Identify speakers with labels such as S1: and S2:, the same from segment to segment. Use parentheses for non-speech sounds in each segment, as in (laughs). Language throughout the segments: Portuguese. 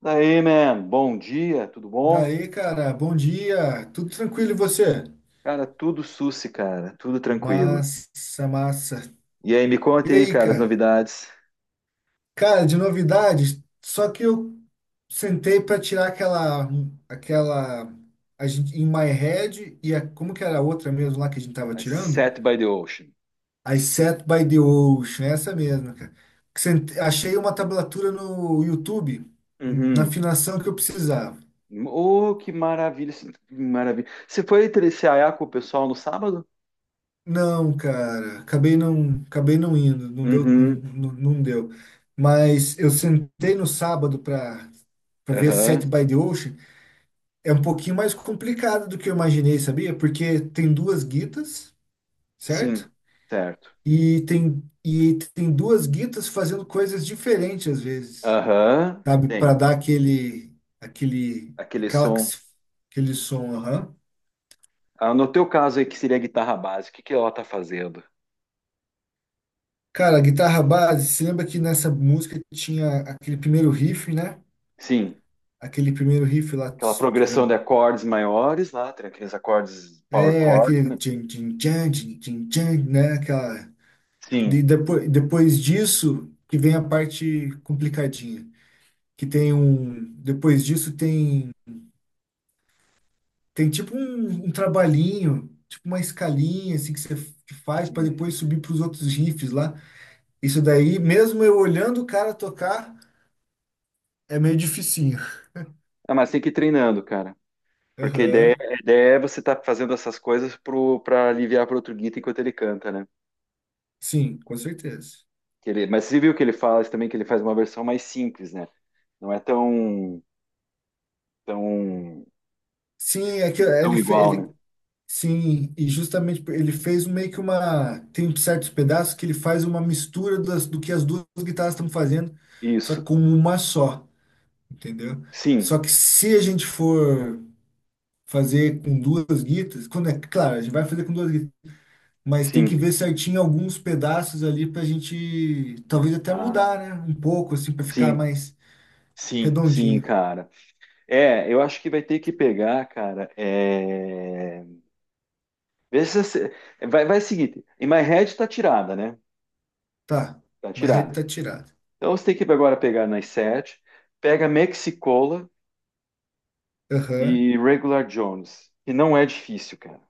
S1: Daí, man, bom dia, tudo bom?
S2: Daí, cara, bom dia. Tudo tranquilo e você?
S1: Cara, tudo sussi, cara, tudo tranquilo.
S2: Massa, massa.
S1: E aí, me
S2: E
S1: conta aí,
S2: aí,
S1: cara, as
S2: cara?
S1: novidades.
S2: Cara, de novidades, só que eu sentei para tirar aquela a gente in my head e a, como que era a outra mesmo lá que a gente tava
S1: I
S2: tirando?
S1: Set by the Ocean.
S2: I Sat by the Ocean, essa mesmo, cara. Achei uma tablatura no YouTube na
S1: Uhum.
S2: afinação que eu precisava.
S1: Oh, que maravilha, que maravilha. Você foi trecear com o pessoal no sábado?
S2: Não, cara, acabei não indo, não deu,
S1: Uhum,
S2: não deu. Mas eu sentei no sábado para ver
S1: aham,
S2: Set by the Ocean. É um pouquinho mais complicado do que eu imaginei, sabia? Porque tem duas guitas,
S1: sim,
S2: certo?
S1: certo.
S2: E tem duas guitas fazendo coisas diferentes às vezes,
S1: Aham,
S2: sabe?
S1: tem,
S2: Para dar aquele aquele
S1: aquele
S2: aquela
S1: som.
S2: aquele som, aham.
S1: Ah, no teu caso aí, que seria a guitarra básica, o que que ela tá fazendo?
S2: Cara, a guitarra base, se lembra que nessa música tinha aquele primeiro riff, né?
S1: Sim,
S2: Aquele primeiro riff lá,
S1: aquela
S2: tss, que
S1: progressão de acordes maiores lá, tem aqueles acordes
S2: é,
S1: power
S2: é
S1: chord,
S2: aquele
S1: né?
S2: tchan, tchan, tchan, tchan, tchan, tchan, né? Aquela,
S1: Sim.
S2: depois disso que vem a parte complicadinha, que tem um, depois disso tem, tem tipo um trabalhinho, tipo uma escalinha assim que que faz para depois subir para os outros riffs lá. Isso daí, mesmo eu olhando o cara tocar, é meio dificinho.
S1: Ah, mas tem que ir treinando, cara. Porque a ideia,
S2: Aham.
S1: a ideia é você estar fazendo essas coisas pro, pra aliviar pro outro guita enquanto ele canta, né?
S2: Sim, com certeza.
S1: Mas você viu que ele fala isso também, que ele faz uma versão mais simples, né? Não é tão,
S2: Sim, é que
S1: tão
S2: ele, fe-
S1: igual, né?
S2: ele Sim, e justamente ele fez um meio que uma. Tem certos pedaços que ele faz uma mistura das, do que as duas guitarras estão fazendo, só que
S1: Isso.
S2: como uma só, entendeu?
S1: Sim,
S2: Só que se a gente for fazer com duas guitas, quando é claro, a gente vai fazer com duas guitas, mas tem que
S1: sim.
S2: ver certinho alguns pedaços ali pra gente talvez até
S1: Ah,
S2: mudar, né? Um pouco, assim, pra ficar
S1: sim,
S2: mais
S1: sim, sim,
S2: redondinho.
S1: cara. É, eu acho que vai ter que pegar, cara. Vê se você- Vai seguinte. In My Head tá tirada, né?
S2: Tá,
S1: Tá
S2: uma
S1: tirada.
S2: reta tirada.
S1: Então você tem que agora pegar nas sete, pega Mexicola
S2: Aham,
S1: e Regular Jones, que não é difícil, cara,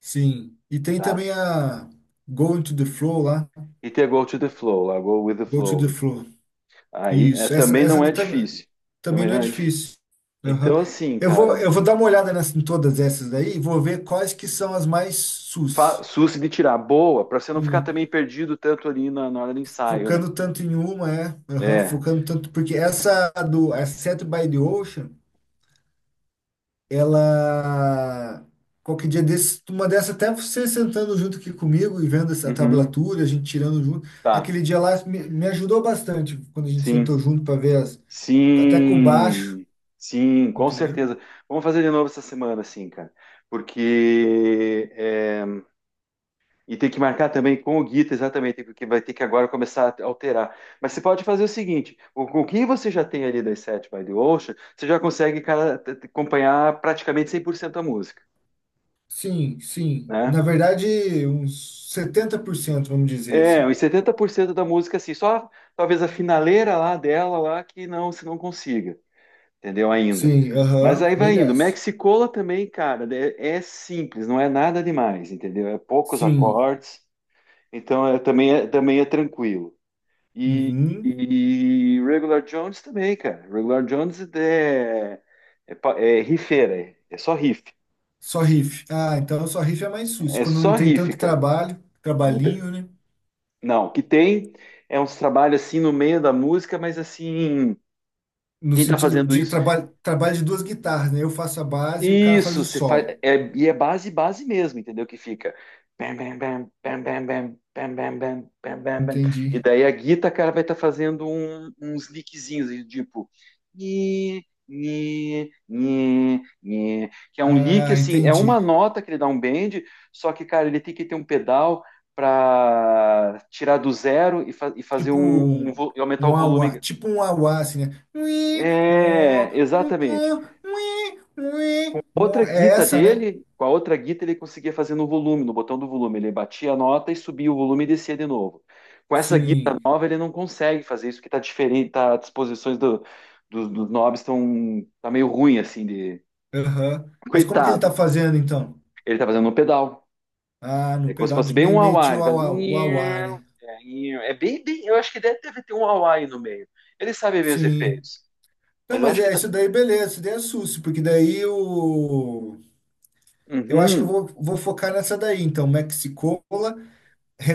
S2: sim. E tem
S1: tá?
S2: também a Going to the Flow lá.
S1: E tem a Go to the Flow, lá, Go with the
S2: Go to the
S1: Flow.
S2: floor.
S1: Aí é,
S2: Isso.
S1: também não é difícil.
S2: Também
S1: Também
S2: não é
S1: não é difícil.
S2: difícil. Aham.
S1: Então, assim, cara,
S2: Eu vou dar uma olhada nessa, em todas essas daí e vou ver quais que são as mais sus.
S1: suce de tirar boa, pra você não ficar
S2: Sim.
S1: também perdido tanto ali na hora do ensaio, né?
S2: Focando tanto em uma, é. Aham,
S1: É.
S2: focando tanto. Porque essa do a Set by the Ocean, ela. Qualquer dia desse, uma dessa, até você sentando junto aqui comigo e vendo essa
S1: Uhum.
S2: tablatura, a gente tirando junto.
S1: Tá.
S2: Aquele dia lá me ajudou bastante quando a gente
S1: Sim.
S2: sentou junto para ver as, até com o baixo,
S1: Sim. Sim, com
S2: entendeu?
S1: certeza. Vamos fazer de novo essa semana, sim, cara. Porque é, E tem que marcar também com o Guita, exatamente, porque vai ter que agora começar a alterar. Mas você pode fazer o seguinte: com o que você já tem ali das Set by the Ocean, você já consegue, cara, acompanhar praticamente 100% da música,
S2: Sim, sim.
S1: né?
S2: Na verdade, uns 70%, vamos dizer
S1: É,
S2: assim.
S1: uns 70% da música, assim, só talvez a finaleira lá dela, lá, que não, você não consiga, entendeu? Ainda.
S2: Sim,
S1: Mas
S2: aham,
S1: aí
S2: bem
S1: vai indo.
S2: dessa.
S1: Mexicola também, cara, é simples, não é nada demais, entendeu? É poucos
S2: Sim,
S1: acordes, então é também é tranquilo. E,
S2: uhum.
S1: e Regular Jones também, cara. Regular Jones é rifeira, é só riff.
S2: Só riff. Ah, então só riff é mais sujo,
S1: É
S2: quando não
S1: só
S2: tem
S1: riff,
S2: tanto
S1: cara. Não, tem-
S2: trabalhinho, né?
S1: não, o que tem é uns trabalhos assim no meio da música, mas assim,
S2: No
S1: quem tá
S2: sentido
S1: fazendo
S2: de
S1: isso
S2: trabalho de duas guitarras, né? Eu faço a base e o cara faz
S1: Isso,
S2: o
S1: você faz.
S2: solo.
S1: É, e é base mesmo, entendeu? Que fica. Bam, bam, bam, bam, bam, bam, bam, bam, bam, bam, bam, bam. E
S2: Entendi.
S1: daí a guita, cara, vai estar fazendo uns lickzinhos, e tipo. Nhe, nhe, nhe, nhe. Que é um lick,
S2: Ah,
S1: assim, é
S2: entendi.
S1: uma nota que ele dá um bend, só que, cara, ele tem que ter um pedal para tirar do zero e, e fazer
S2: Tipo
S1: e aumentar o
S2: um auá,
S1: volume.
S2: tipo um auá, assim, né? Ui,
S1: É,
S2: uó,
S1: exatamente.
S2: uó, ui, ui,
S1: Outra
S2: uó. É
S1: guita
S2: essa, né?
S1: dele, com a outra guita ele conseguia fazer no volume, no botão do volume. Ele batia a nota e subia o volume e descia de novo. Com essa guita
S2: Sim,
S1: nova ele não consegue fazer isso, que tá diferente, tá, as disposições dos knobs estão tá meio ruim, assim, de...
S2: aham.
S1: (laughs)
S2: Mas como que ele tá
S1: Coitado.
S2: fazendo então?
S1: Ele tá fazendo no pedal.
S2: Ah, no
S1: É como se
S2: pedal
S1: fosse
S2: de
S1: bem um
S2: mimete
S1: auá. Ele faz...
S2: o auá, né?
S1: É bem, bem... Eu acho que deve ter um auá aí no meio. Ele sabe ver os
S2: Sim.
S1: efeitos.
S2: Não,
S1: Mas eu
S2: mas
S1: acho que...
S2: é
S1: Dá...
S2: isso daí, beleza, isso daí é susto, porque daí o. Eu acho que
S1: Uhum.
S2: vou focar nessa daí, então. Mexicola,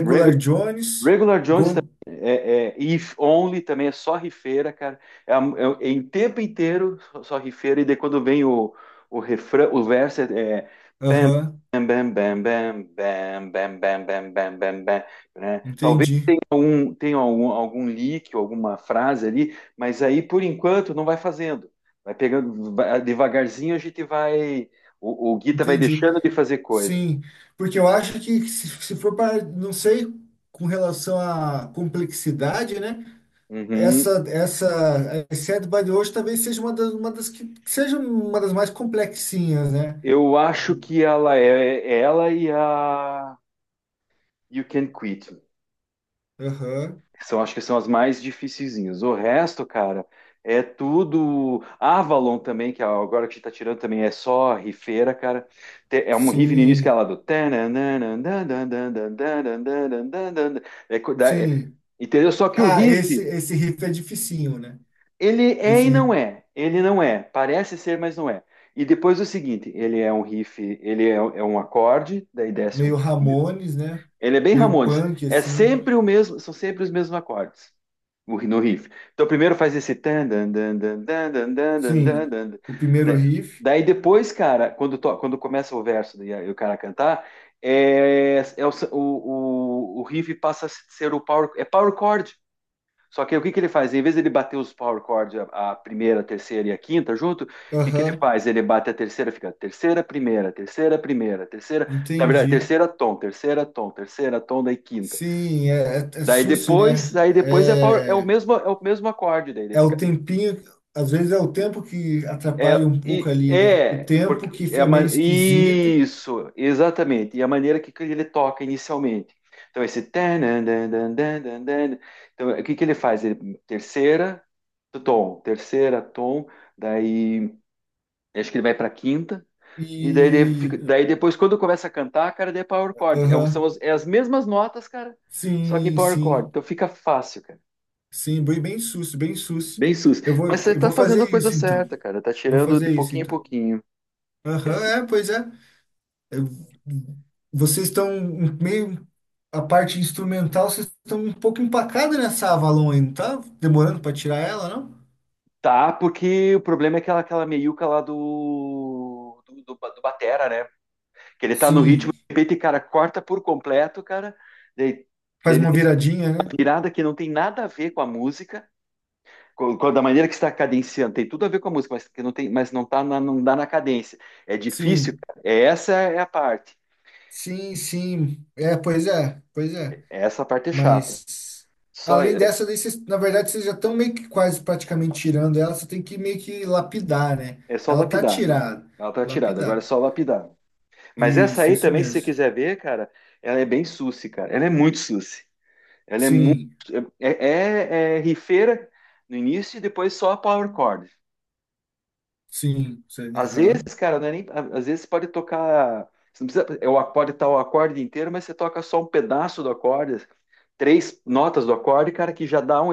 S1: Reg
S2: Jones,
S1: Regular Jones
S2: Go.
S1: também é If Only também é só rifeira, cara. É, é em tempo inteiro só, rifeira, e daí quando vem o refrão, o verso é,
S2: Aham,
S1: é bam, bam, bam, bam, bam, bam, bam, bam, bam, bam, né?
S2: entendi,
S1: Tenha algum leak, ou alguma frase ali, mas aí por enquanto não vai fazendo. Vai pegando devagarzinho, a gente vai. O Guita vai
S2: entendi.
S1: deixando de fazer coisas.
S2: Sim, porque eu acho que se for para, não sei, com relação à complexidade, né?
S1: Uhum.
S2: A Sad by the Wash talvez seja uma das que seja uma das mais complexinhas, né?
S1: Eu acho que ela é ela e a You Can Quit.
S2: Aham,
S1: Acho que são as mais dificilzinhas. O resto, cara, é tudo. Avalon também, que agora que a gente tá tirando também é só rifeira, cara. É um riff no início que é
S2: sim,
S1: lá do. É co- da- é-
S2: sim.
S1: Entendeu? Só que o
S2: Ah,
S1: riff,
S2: esse riff é dificinho, né?
S1: ele é
S2: Esse
S1: e não
S2: riff
S1: é. Ele não é. Parece ser, mas não é. E depois o seguinte: ele é um riff, ele é um acorde, daí desce.
S2: meio Ramones, né?
S1: Ele é bem
S2: Meio
S1: Ramones.
S2: punk,
S1: É
S2: assim, né?
S1: sempre o mesmo, são sempre os mesmos acordes no riff. Então primeiro faz esse tan dan dan dan dan dan dan dan dan
S2: Sim,
S1: dan, dan.
S2: o primeiro
S1: Da-
S2: riff.
S1: Daí depois, cara, quando começa o verso e o cara cantar, o riff passa a ser o power, é power chord. Só que o que ele faz? Em vez de ele bater os power chords, a primeira, a terceira e a quinta junto, o que ele
S2: Aham,
S1: faz? Ele bate a terceira, fica terceira, primeira, terceira, primeira, terceira, na verdade,
S2: entendi.
S1: terceira tom, terceira tom, terceira tom, daí quinta.
S2: Sim, é
S1: Daí
S2: sucio,
S1: depois,
S2: né?
S1: daí depois é power, é o
S2: É,
S1: mesmo é o mesmo acorde, daí ele
S2: é o
S1: fica.
S2: tempinho, às vezes é o tempo que atrapalha um pouco ali, né? O
S1: Porque
S2: tempo que
S1: é a
S2: é meio esquisito.
S1: isso, exatamente. E a maneira que ele toca inicialmente. Então, esse. Tanan, dan, dan, dan, dan, dan. Então, o que que ele faz? Ele, terceira, tom, daí acho que ele vai para quinta, e daí,
S2: E.
S1: daí depois, quando começa a cantar, cara, daí é power chord. É,
S2: Aham.
S1: é as mesmas notas, cara, só que em
S2: Sim,
S1: power chord.
S2: sim.
S1: Então fica fácil, cara.
S2: Sim, bem, bem susto, bem susto.
S1: Bem sus. Mas você
S2: Eu
S1: tá
S2: vou
S1: fazendo a
S2: fazer
S1: coisa
S2: isso então.
S1: certa, cara. Tá
S2: Vou
S1: tirando de
S2: fazer isso
S1: pouquinho em
S2: então.
S1: pouquinho.
S2: Aham, é, pois é. Eu- vocês estão um, meio. A parte instrumental, vocês estão um pouco empacados nessa Avalon aí, não tá? Demorando para tirar ela, não?
S1: Tá, porque o problema é aquela meiuca lá do Batera, né? Que ele tá no
S2: Sim.
S1: ritmo, de repente, cara, corta por completo, cara. Ele,
S2: Faz
S1: ele
S2: uma
S1: tem
S2: viradinha, né?
S1: uma virada que não tem nada a ver com a música, da maneira que está cadenciando, tem tudo a ver com a música, mas que não tem, mas não tá na, não dá na cadência. É difícil,
S2: Sim.
S1: cara. É, essa é a parte.
S2: Sim, sim. É, pois é, pois é.
S1: Essa parte é chata.
S2: Mas
S1: Só,
S2: além
S1: é,
S2: dessa, daí vocês, na verdade, vocês já estão meio que quase praticamente tirando ela, você tem que meio que lapidar, né?
S1: é só
S2: Ela tá
S1: lapidar.
S2: tirada.
S1: Ela tá tirada, agora é
S2: Lapidar.
S1: só lapidar. Mas essa
S2: Isso,
S1: aí
S2: isso
S1: também, se você
S2: mesmo.
S1: quiser ver, cara, ela é bem suci, cara. Ela é muito suci. Ela é muito.
S2: Sim,
S1: É rifeira no início e depois só a power chord.
S2: sim, sim,
S1: Às vezes,
S2: aham.
S1: cara, não é nem. Às vezes pode tocar. Você não precisa, pode estar o acorde inteiro, mas você toca só um pedaço do acorde, três notas do acorde, cara, que já dá um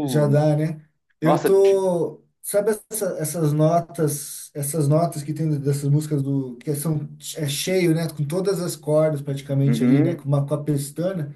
S2: Já dá, né? Eu
S1: Nossa,
S2: tô. Sabe essas notas que tem dessas músicas do que são é cheio, né? Com todas as cordas praticamente ali, né?
S1: uhum,
S2: Com uma com a pestana.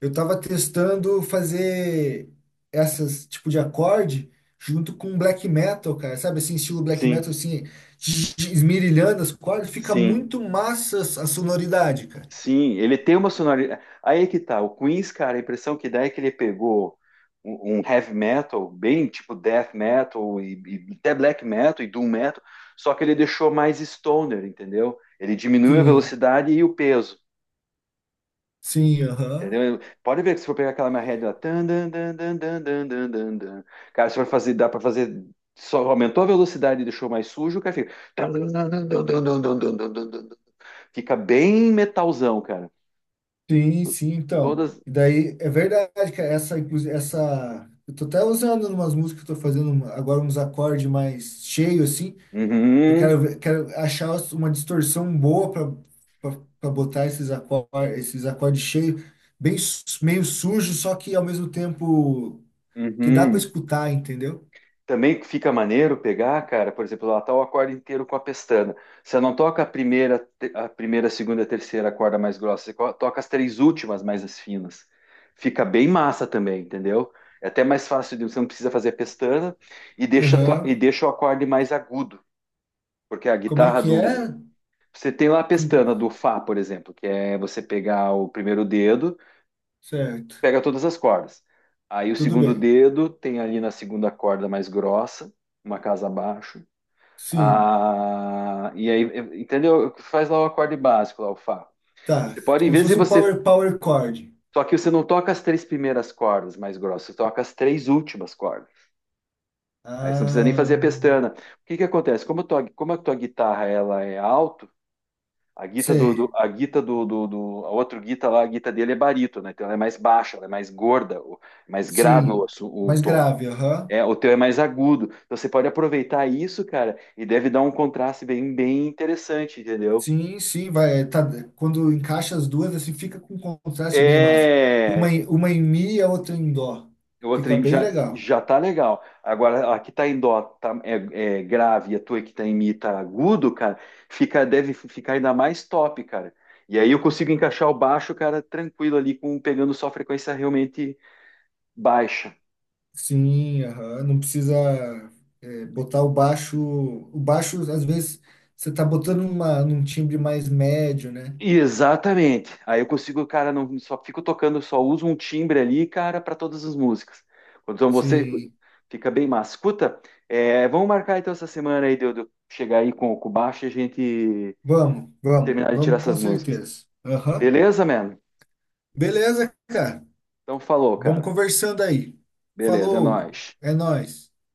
S2: Eu tava testando fazer essas tipo de acorde junto com black metal, cara. Sabe assim, estilo black metal
S1: sim,
S2: assim, esmirilhando as cordas, fica
S1: sim.
S2: muito massa a sonoridade, cara.
S1: Sim, ele tem uma sonoridade. Aí é que tá. O Queens, cara, a impressão que dá é que ele pegou um heavy metal, bem tipo death metal, e até black metal e doom metal, só que ele deixou mais stoner, entendeu? Ele diminuiu a
S2: Sim,
S1: velocidade e o peso.
S2: sim, aham.
S1: Entendeu? Pode ver que se for pegar aquela minha head lá, tan, dan, dan, dan, dan, dan, dan, dan, dan, cara, se for fazer, dá pra fazer, só aumentou a velocidade e deixou mais sujo, o cara fica, tan, dan, dan, dan, dan, dan, dan, dan, dan, dan, dan. Fica bem metalzão, cara.
S2: Sim, sim, então.
S1: Todas,
S2: E daí é verdade, cara, essa, inclusive essa eu tô até usando, umas músicas que eu tô fazendo agora, uns acordes mais cheios assim. Eu
S1: Uhum,
S2: quero, quero achar uma distorção boa para botar esses acordes cheios, bem, meio sujo, só que ao mesmo tempo que dá para
S1: Uhum.
S2: escutar, entendeu?
S1: Também fica maneiro pegar, cara, por exemplo, lá tá o acorde inteiro com a pestana. Você não toca a primeira, a primeira, a segunda, a terceira corda mais grossa, você toca as três últimas mais as finas. Fica bem massa também, entendeu? É até mais fácil, você não precisa fazer a pestana e deixa,
S2: Aham.
S1: e deixa o acorde mais agudo, porque a
S2: Como é
S1: guitarra
S2: que é?
S1: do. Você tem lá a
S2: Com-
S1: pestana do Fá, por exemplo, que é você pegar o primeiro dedo
S2: Certo.
S1: pega todas as cordas. Aí o
S2: Tudo
S1: segundo
S2: bem.
S1: dedo tem ali na segunda corda mais grossa, uma casa abaixo.
S2: Sim.
S1: Ah, e aí, entendeu? Faz lá o acorde básico, lá o Fá.
S2: Tá.
S1: Você pode, em
S2: Como se
S1: vez de
S2: fosse um
S1: você.
S2: power chord.
S1: Só que você não toca as três primeiras cordas mais grossas, você toca as três últimas cordas. Aí você não precisa nem fazer a
S2: Ah,
S1: pestana. O que que acontece? Como a tua guitarra ela é alto, a guita do, do-
S2: sei.
S1: a guita do, do, do- a outra guita lá, a guita dele é barito, né? Então ela é mais baixa, ela é mais gorda, mais grave o,
S2: Sim.
S1: o
S2: Mais
S1: tom.
S2: grave, aham.
S1: É, o teu é mais agudo. Então você pode aproveitar isso, cara, e deve dar um contraste bem, bem interessante, entendeu?
S2: Sim, sim, vai. É, tá, quando encaixa as duas, assim, fica com um contraste bem massa. Uma,
S1: É,
S2: uma em mi e a outra em dó. Fica bem
S1: já,
S2: legal.
S1: já tá legal. Agora, a que tá em dó tá, é grave e a tua que tá em mi tá agudo, cara, deve ficar ainda mais top, cara. E aí eu consigo encaixar o baixo, cara, tranquilo ali, com, pegando só frequência realmente baixa.
S2: Sim, aham, não precisa é, botar o baixo. O baixo, às vezes, você tá botando uma, num timbre mais médio, né?
S1: Exatamente. Aí eu consigo, cara, não só fico tocando, só uso um timbre ali, cara, para todas as músicas. Então você
S2: Sim.
S1: fica bem massa. Escuta, é, vamos marcar então essa semana aí de eu chegar aí com o baixo e a gente
S2: Vamos, vamos,
S1: terminar de tirar
S2: vamos, com
S1: essas músicas.
S2: certeza. Aham.
S1: Beleza, mano?
S2: Beleza, cara.
S1: Então falou,
S2: Vamos
S1: cara.
S2: conversando aí.
S1: Beleza, é
S2: Falou,
S1: nóis.
S2: é nóis.